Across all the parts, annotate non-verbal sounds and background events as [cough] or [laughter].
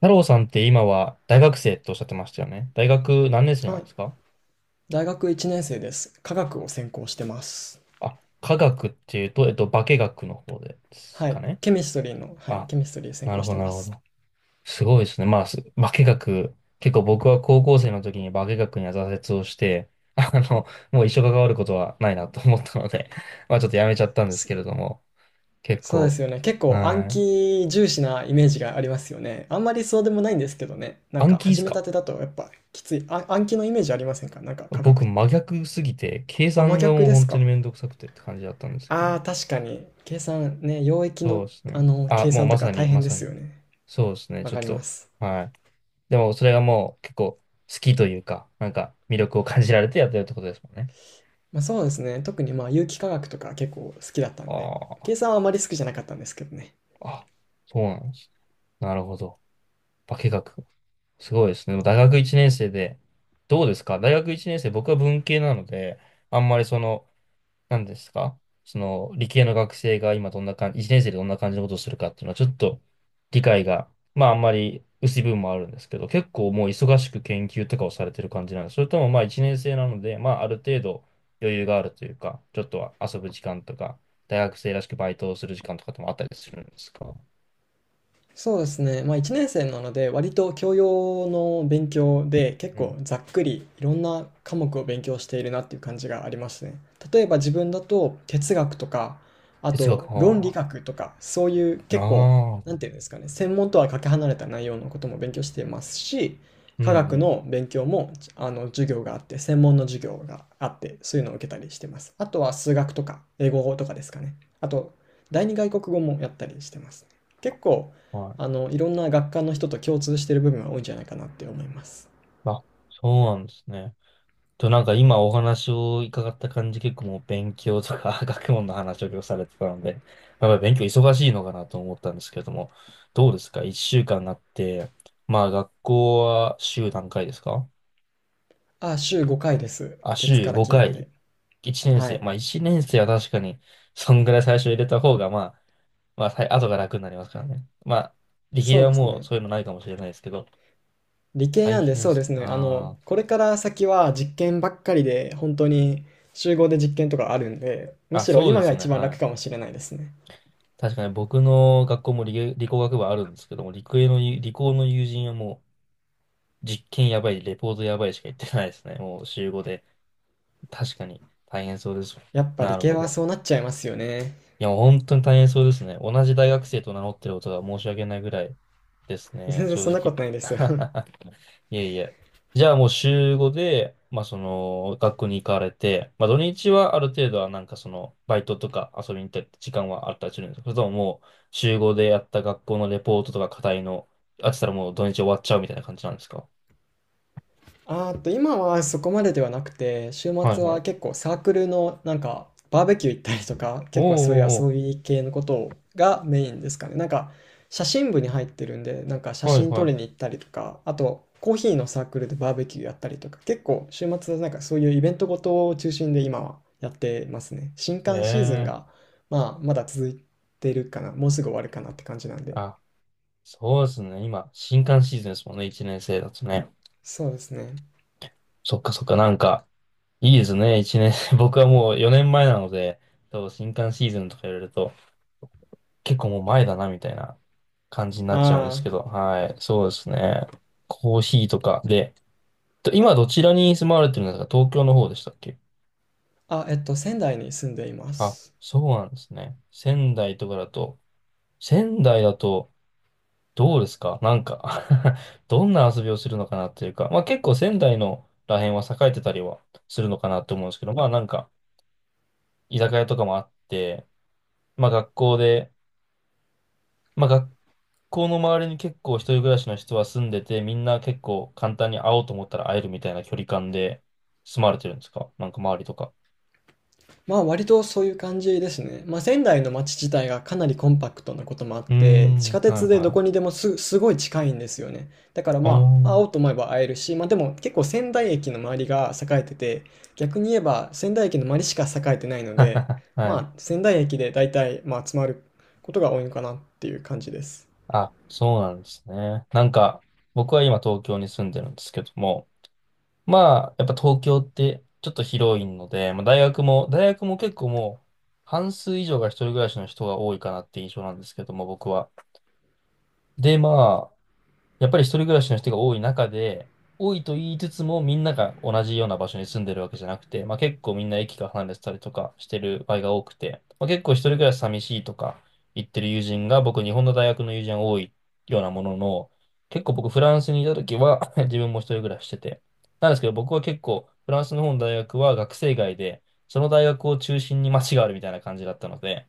太郎さんって今は大学生とおっしゃってましたよね。大学何年生なんはでい。すか？大学1年生です。化学を専攻してます。あ、科学っていうと、化学の方ですはかい。ね。ケミストリーの、はい、あ、ケミストリー専なる攻しほど、てなまるほす。ど。すごいですね。まあ、化学、結構僕は高校生の時に化学には挫折をして、あの、もう一生関わることはないなと思ったので、[laughs] まあちょっとやめちゃったんですそ、けれども、結そうで構、すよね。結構暗はい。記重視なイメージがありますよね。あんまりそうでもないんですけどね。なん暗か記で始すめたか？てだとやっぱきつい。あ、暗記のイメージありませんか、なんか化僕学っ真て。逆すぎて、計あ、真算が逆もうです本当にか。めんどくさくてって感じだったんですけどあも。あ、確かに。計算ね、溶液そうの、ですね。あ、計もう算とまさか大に、ま変でさすに。よね。そうですね、わちょっかりまと。す。はい。でも、それがもう結構好きというか、なんか魅力を感じられてやってるってことですもんね。まあそうですね。特にまあ有機化学とか結構好きだったんで。ああ、計算はあまり好きじゃなかったんですけどね。あ、そうなんですね。なるほど。化学。すごいですね。でも大学1年生で、どうですか、大学1年生、僕は文系なので、あんまりその、なんですか、その、理系の学生が今どんな感じ、1年生でどんな感じのことをするかっていうのは、ちょっと理解が、まああんまり薄い部分もあるんですけど、結構もう忙しく研究とかをされてる感じなんです？それともまあ1年生なので、まあある程度余裕があるというか、ちょっとは遊ぶ時間とか、大学生らしくバイトをする時間とかってもあったりするんですか？そうですね、まあ、1年生なので割と教養の勉強で結うん。構ざっくりいろんな科目を勉強しているなっていう感じがありますね。例えば自分だと哲学とか、あ哲と学、論理あ学とか、そういうあ、結構、あなんあ、ていうんですかね専門とはかけ離れた内容のことも勉強していますし、う科ん学うん。の勉強も、授業があって、専門の授業があって、そういうのを受けたりしてます。あとは数学とか英語とかですかね。あと第二外国語もやったりしてますね。結構はい。いろんな学科の人と共通してる部分は多いんじゃないかなって思います。あ、そうなんですね。と、なんか今お話を伺った感じ、結構もう勉強とか [laughs] 学問の話を今日されてたので、まあやっぱり勉強忙しいのかなと思ったんですけれども、どうですか、一週間あって、まあ学校は週何回ですか？あ、週5回です。あ、月週から金5ま回。で。1年は生。い。まあ1年生は確かに、そんぐらい最初入れた方が、まあ、まあ、さい後が楽になりますからね。まあ、理そ系うはですもうね。そういうのないかもしれないですけど、理系大なんで、変そうす。ですね。あこれから先は実験ばっかりで、本当に集合で実験とかあるんで、ー、むあ、しろそうで今がすね。一番は楽い。かもしれないですね。確かに僕の学校も理工学部あるんですけども、理工の友人はもう実験やばい、レポートやばいしか言ってないですね。もう週5で。確かに大変そうですよやね。っぱな理る系ほはど。そうなっちゃいますよね。いや、もう本当に大変そうですね。同じ大学生と名乗ってることが申し訳ないぐらいですね、全然正そんなこ直。とないですよ [laughs] [laughs] いえいえ。じゃあもう週5で、まあその、学校に行かれて、まあ土日はある程度はなんかその、バイトとか遊びに行ったり時間はあったりするんですか？それとももう、週5でやった学校のレポートとか課題の、あってたらもう土日終わっちゃうみたいな感じなんですか？あーっと今はそこまでではなくて、週はい末ははい。結構サークルのなんかバーベキュー行ったりとか、おー、結構そういうお遊ー、び系のことがメインですかね。なんか写真部に入ってるんで、なんか写おー、はい真は撮りに行い。ったりとか、あとコーヒーのサークルでバーベキューやったりとか、結構週末はなんかそういうイベントごとを中心で今はやってますね。新刊シーズンえがえ、まあまだ続いてるかな、もうすぐ終わるかなって感じなんで。あ、そうですね。今、新歓シーズンですもんね、1年生だとね。そうですね。そっかそっか、なんか、いいですね、一年。[laughs] 僕はもう4年前なので、多分新刊シーズンとか言われると、結構もう前だな、みたいな感じになあっちゃうんですけーど、はい、そうですね。コーヒーとかで、と今どちらに住まわれてるんですか？東京の方でしたっけ？あ、仙台に住んでいまあ、す。そうなんですね。仙台とかだと、仙台だと、どうですか、なんか [laughs] どんな遊びをするのかなっていうか、まあ結構仙台のら辺は栄えてたりはするのかなと思うんですけど、まあなんか、居酒屋とかもあって、まあ学校で、まあ学校の周りに結構一人暮らしの人は住んでて、みんな結構簡単に会おうと思ったら会えるみたいな距離感で住まれてるんですか、なんか周りとか。まあ割とそういう感じですね。まあ仙台の街自体がかなりコンパクトなこともあっうーて、ん、地下はい鉄でどはこにでい。もすごい近いんですよね。だからおまあ会おうとー。思えば会えるし、まあでも結構仙台駅の周りが栄えてて、逆に言えば仙台駅の周りしか栄えてないので、[laughs] はい。まあ仙台駅で大体まあ集まることが多いのかなっていう感じです。あ、そうなんですね。なんか、僕は今東京に住んでるんですけども、まあ、やっぱ東京ってちょっと広いので、大学も結構もう半数以上が一人暮らしの人が多いかなって印象なんですけども、僕は。で、まあ、やっぱり一人暮らしの人が多い中で、多いと言いつつもみんなが同じような場所に住んでるわけじゃなくて、まあ、結構みんな駅が離れてたりとかしてる場合が多くて、まあ、結構一人暮らし寂しいとか言ってる友人が僕日本の大学の友人が多いようなものの、結構僕フランスにいた時は [laughs] 自分も一人暮らししてて、なんですけど僕は結構フランスの方の大学は学生街で、その大学を中心に街があるみたいな感じだったので、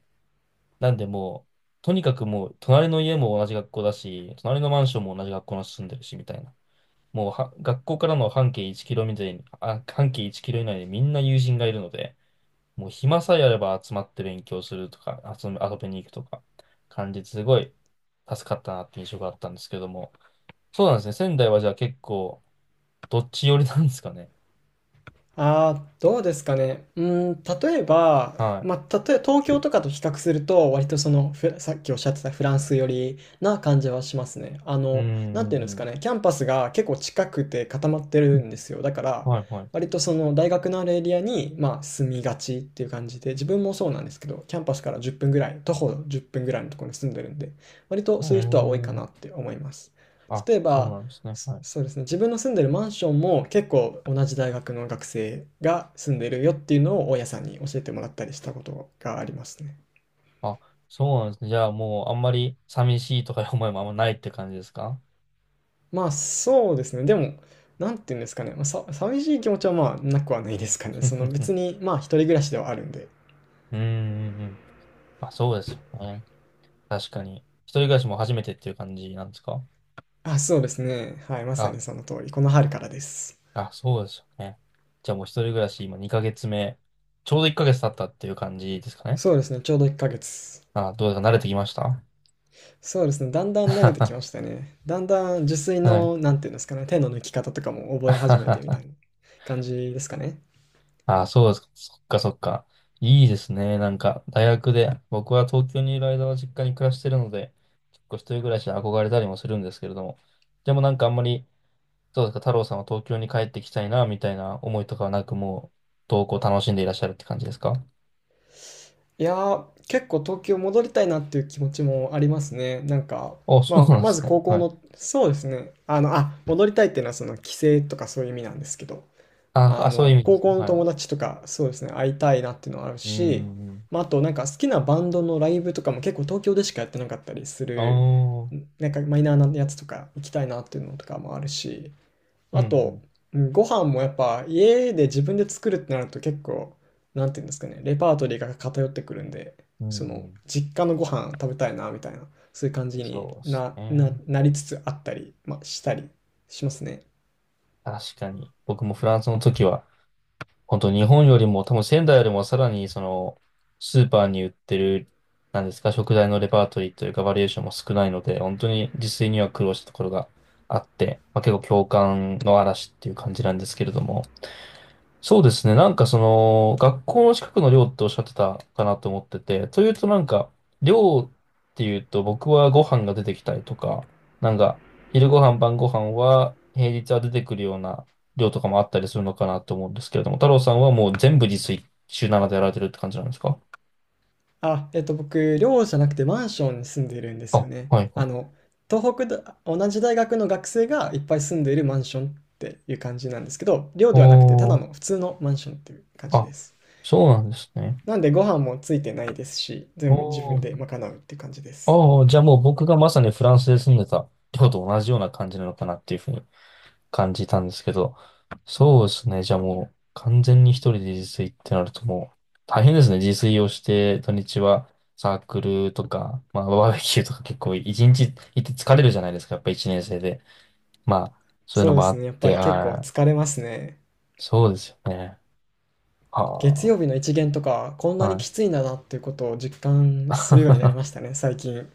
なんでもう、とにかくもう、隣の家も同じ学校だし、隣のマンションも同じ学校に住んでるし、みたいな。もうは、学校からの半径1キロ以内に、あ、半径1キロ以内でみんな友人がいるので、もう暇さえあれば集まって勉強するとか、遊びに行くとか、感じですごい助かったなって印象があったんですけども。そうなんですね。仙台はじゃあ結構、どっち寄りなんですかね。あどうですかね。例えば、はまあ、東京とかと比較すると、割とその、さっきおっしゃってたフランス寄りな感じはしますね。い。うん、なんてういうんん、ですうかん。ね、キャンパスが結構近くて固まってるんですよ。だから、はい、はい。割とその大学のあるエリアに、まあ、住みがちっていう感じで、自分もそうなんですけど、キャンパスから1分ぐらい、徒歩10分ぐらいのところに住んでるんで、割とえそういう人は多いかー、なって思います。あ、例えそうば、なんですね。はい。そうですね。自分の住んでるマンションも結構同じ大学の学生が住んでるよっていうのを大家さんに教えてもらったりしたことがありますね。あ、そうなんですね。じゃあもうあんまり寂しいとかいう思いもあんまないって感じですか？ まあそうですね。でも、なんていうんですかね。まあ、寂しい気持ちはまあなくはないですかね。[laughs] そのうん、別にまあ一人暮らしではあるんで。うん。まあそうですよね。確かに。一人暮らしも初めてっていう感じなんですか？あ、そうですね。はい、まさあ、にその通り。この春からです。あ、そうですよね。じゃあもう一人暮らし今2ヶ月目、ちょうど1ヶ月経ったっていう感じですかね。そうですね。ちょうど1ヶ月。あ、どうですか、慣れてきました？ そうですね。だんだん慣れてきま [laughs] したね。だんだん受水はい。の、なんていうんですかね。手の抜き方とかも覚え始めてみたい [laughs] な感じですかね。あ、そうですか。そっかそっか。いいですね。なんか、大学で、僕は東京にいる間は実家に暮らしてるので、結構一人暮らしで憧れたりもするんですけれども、でもなんかあんまり、そうですか、太郎さんは東京に帰ってきたいな、みたいな思いとかはなく、もう、投稿楽しんでいらっしゃるって感じですか？いやー、結構東京戻りたいなっていう気持ちもありますね。なんか、お [laughs] まそうあ、なんでますずね。高校はい。の、そうですね。あの、あ、戻りたいっていうのはその帰省とかそういう意味なんですけど、あ、ああ、そういの、う意味で高すか。校のは友い。達とか、そうですね、会いたいなっていうのはあるうーし、ん。まあ、あとなんか好きなバンドのライブとかも結構東京でしかやってなかったりすああ、る、うんなんかマイナーなやつとか行きたいなっていうのとかもあるし、うあと、ん。うんご飯もやっぱ家で自分で作るってなると結構、なんていうんですかね、レパートリーが偏ってくるんで、うそんのうん。実家のご飯食べたいなみたいな、そういう感じにそうですね。なりつつあったり、まあ、したりしますね。確かに。僕もフランスの時は、本当日本よりも多分仙台よりもさらにそのスーパーに売ってる、なんですか、食材のレパートリーというかバリエーションも少ないので本当に自炊には苦労したところがあって、まあ、結構共感の嵐っていう感じなんですけれども、そうですね。なんかその、学校の近くの寮っておっしゃってたかなと思ってて、というとなんか、寮っていうと僕はご飯が出てきたりとか、なんか、昼ご飯、晩ご飯は平日は出てくるような寮とかもあったりするのかなと思うんですけれども、太郎さんはもう全部自炊、週7でやられてるって感じなんですか？あ、僕、寮じゃなくてマンションに住んでいるんですよあ、ね。はいはあい。の、東北だ、同じ大学の学生がいっぱい住んでいるマンションっていう感じなんですけど、寮ではなくてただおのー、普通のマンションっていう感じであ、す。そうなんですね。なんでご飯もついてないですし、全部自お分ー、で賄うって感じです。あー、じゃあもう僕がまさにフランスで住んでた寮と同じような感じなのかなっていうふうに感じたんですけど、そうですね。じゃあもう完全に一人で自炊ってなるともう大変ですね。自炊をして土日はサークルとか、まあバーベキューとか結構一日行って疲れるじゃないですか。やっぱ一年生で。まあそういうそのうでもあすっね。やっぱて、り結構ああ、疲れますね。そうですよね。月曜は日の一限とか、こんあ、なにはい。きついんだなっていうことを実感するようになりま [laughs] したね、最近。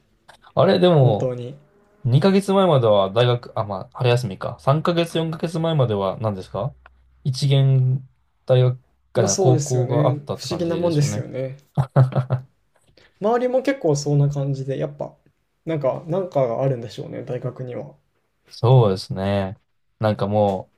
あれ、で本当もに。2ヶ月前までは大学、あ、まあ春休みか。3ヶ月、4ヶ月前までは何ですか、一限大学、まああ、そう高ですよ校ね。があったっ不て思感議なじもでんですよすよね。ね。[laughs] 周りも結構そんな感じで、やっぱ、なんかがあるんでしょうね、大学には。そうですね。なんかも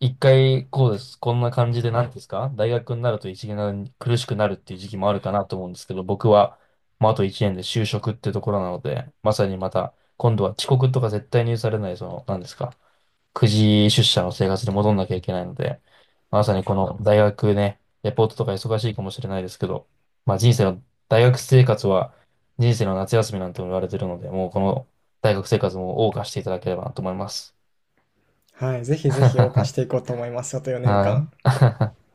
う、一回こうです。こんな感じで、なんですか、大学になると一年苦しくなるっていう時期もあるかなと思うんですけど、僕は、まあ、あと一年で就職ってところなので、まさにまた、今度は遅刻とか絶対に許されない、その、なんですか、くじ出社の生活に戻んなきゃいけないので、まさにこの大学ね、レポートとか忙しいかもしれないですけど、まあ人生の、大学生活は人生の夏休みなんても言われてるので、もうこの大学生活も謳歌していただければなと思います。はい。ぜひぜひ謳歌していこ [laughs] うと思います。あと4は年間。い。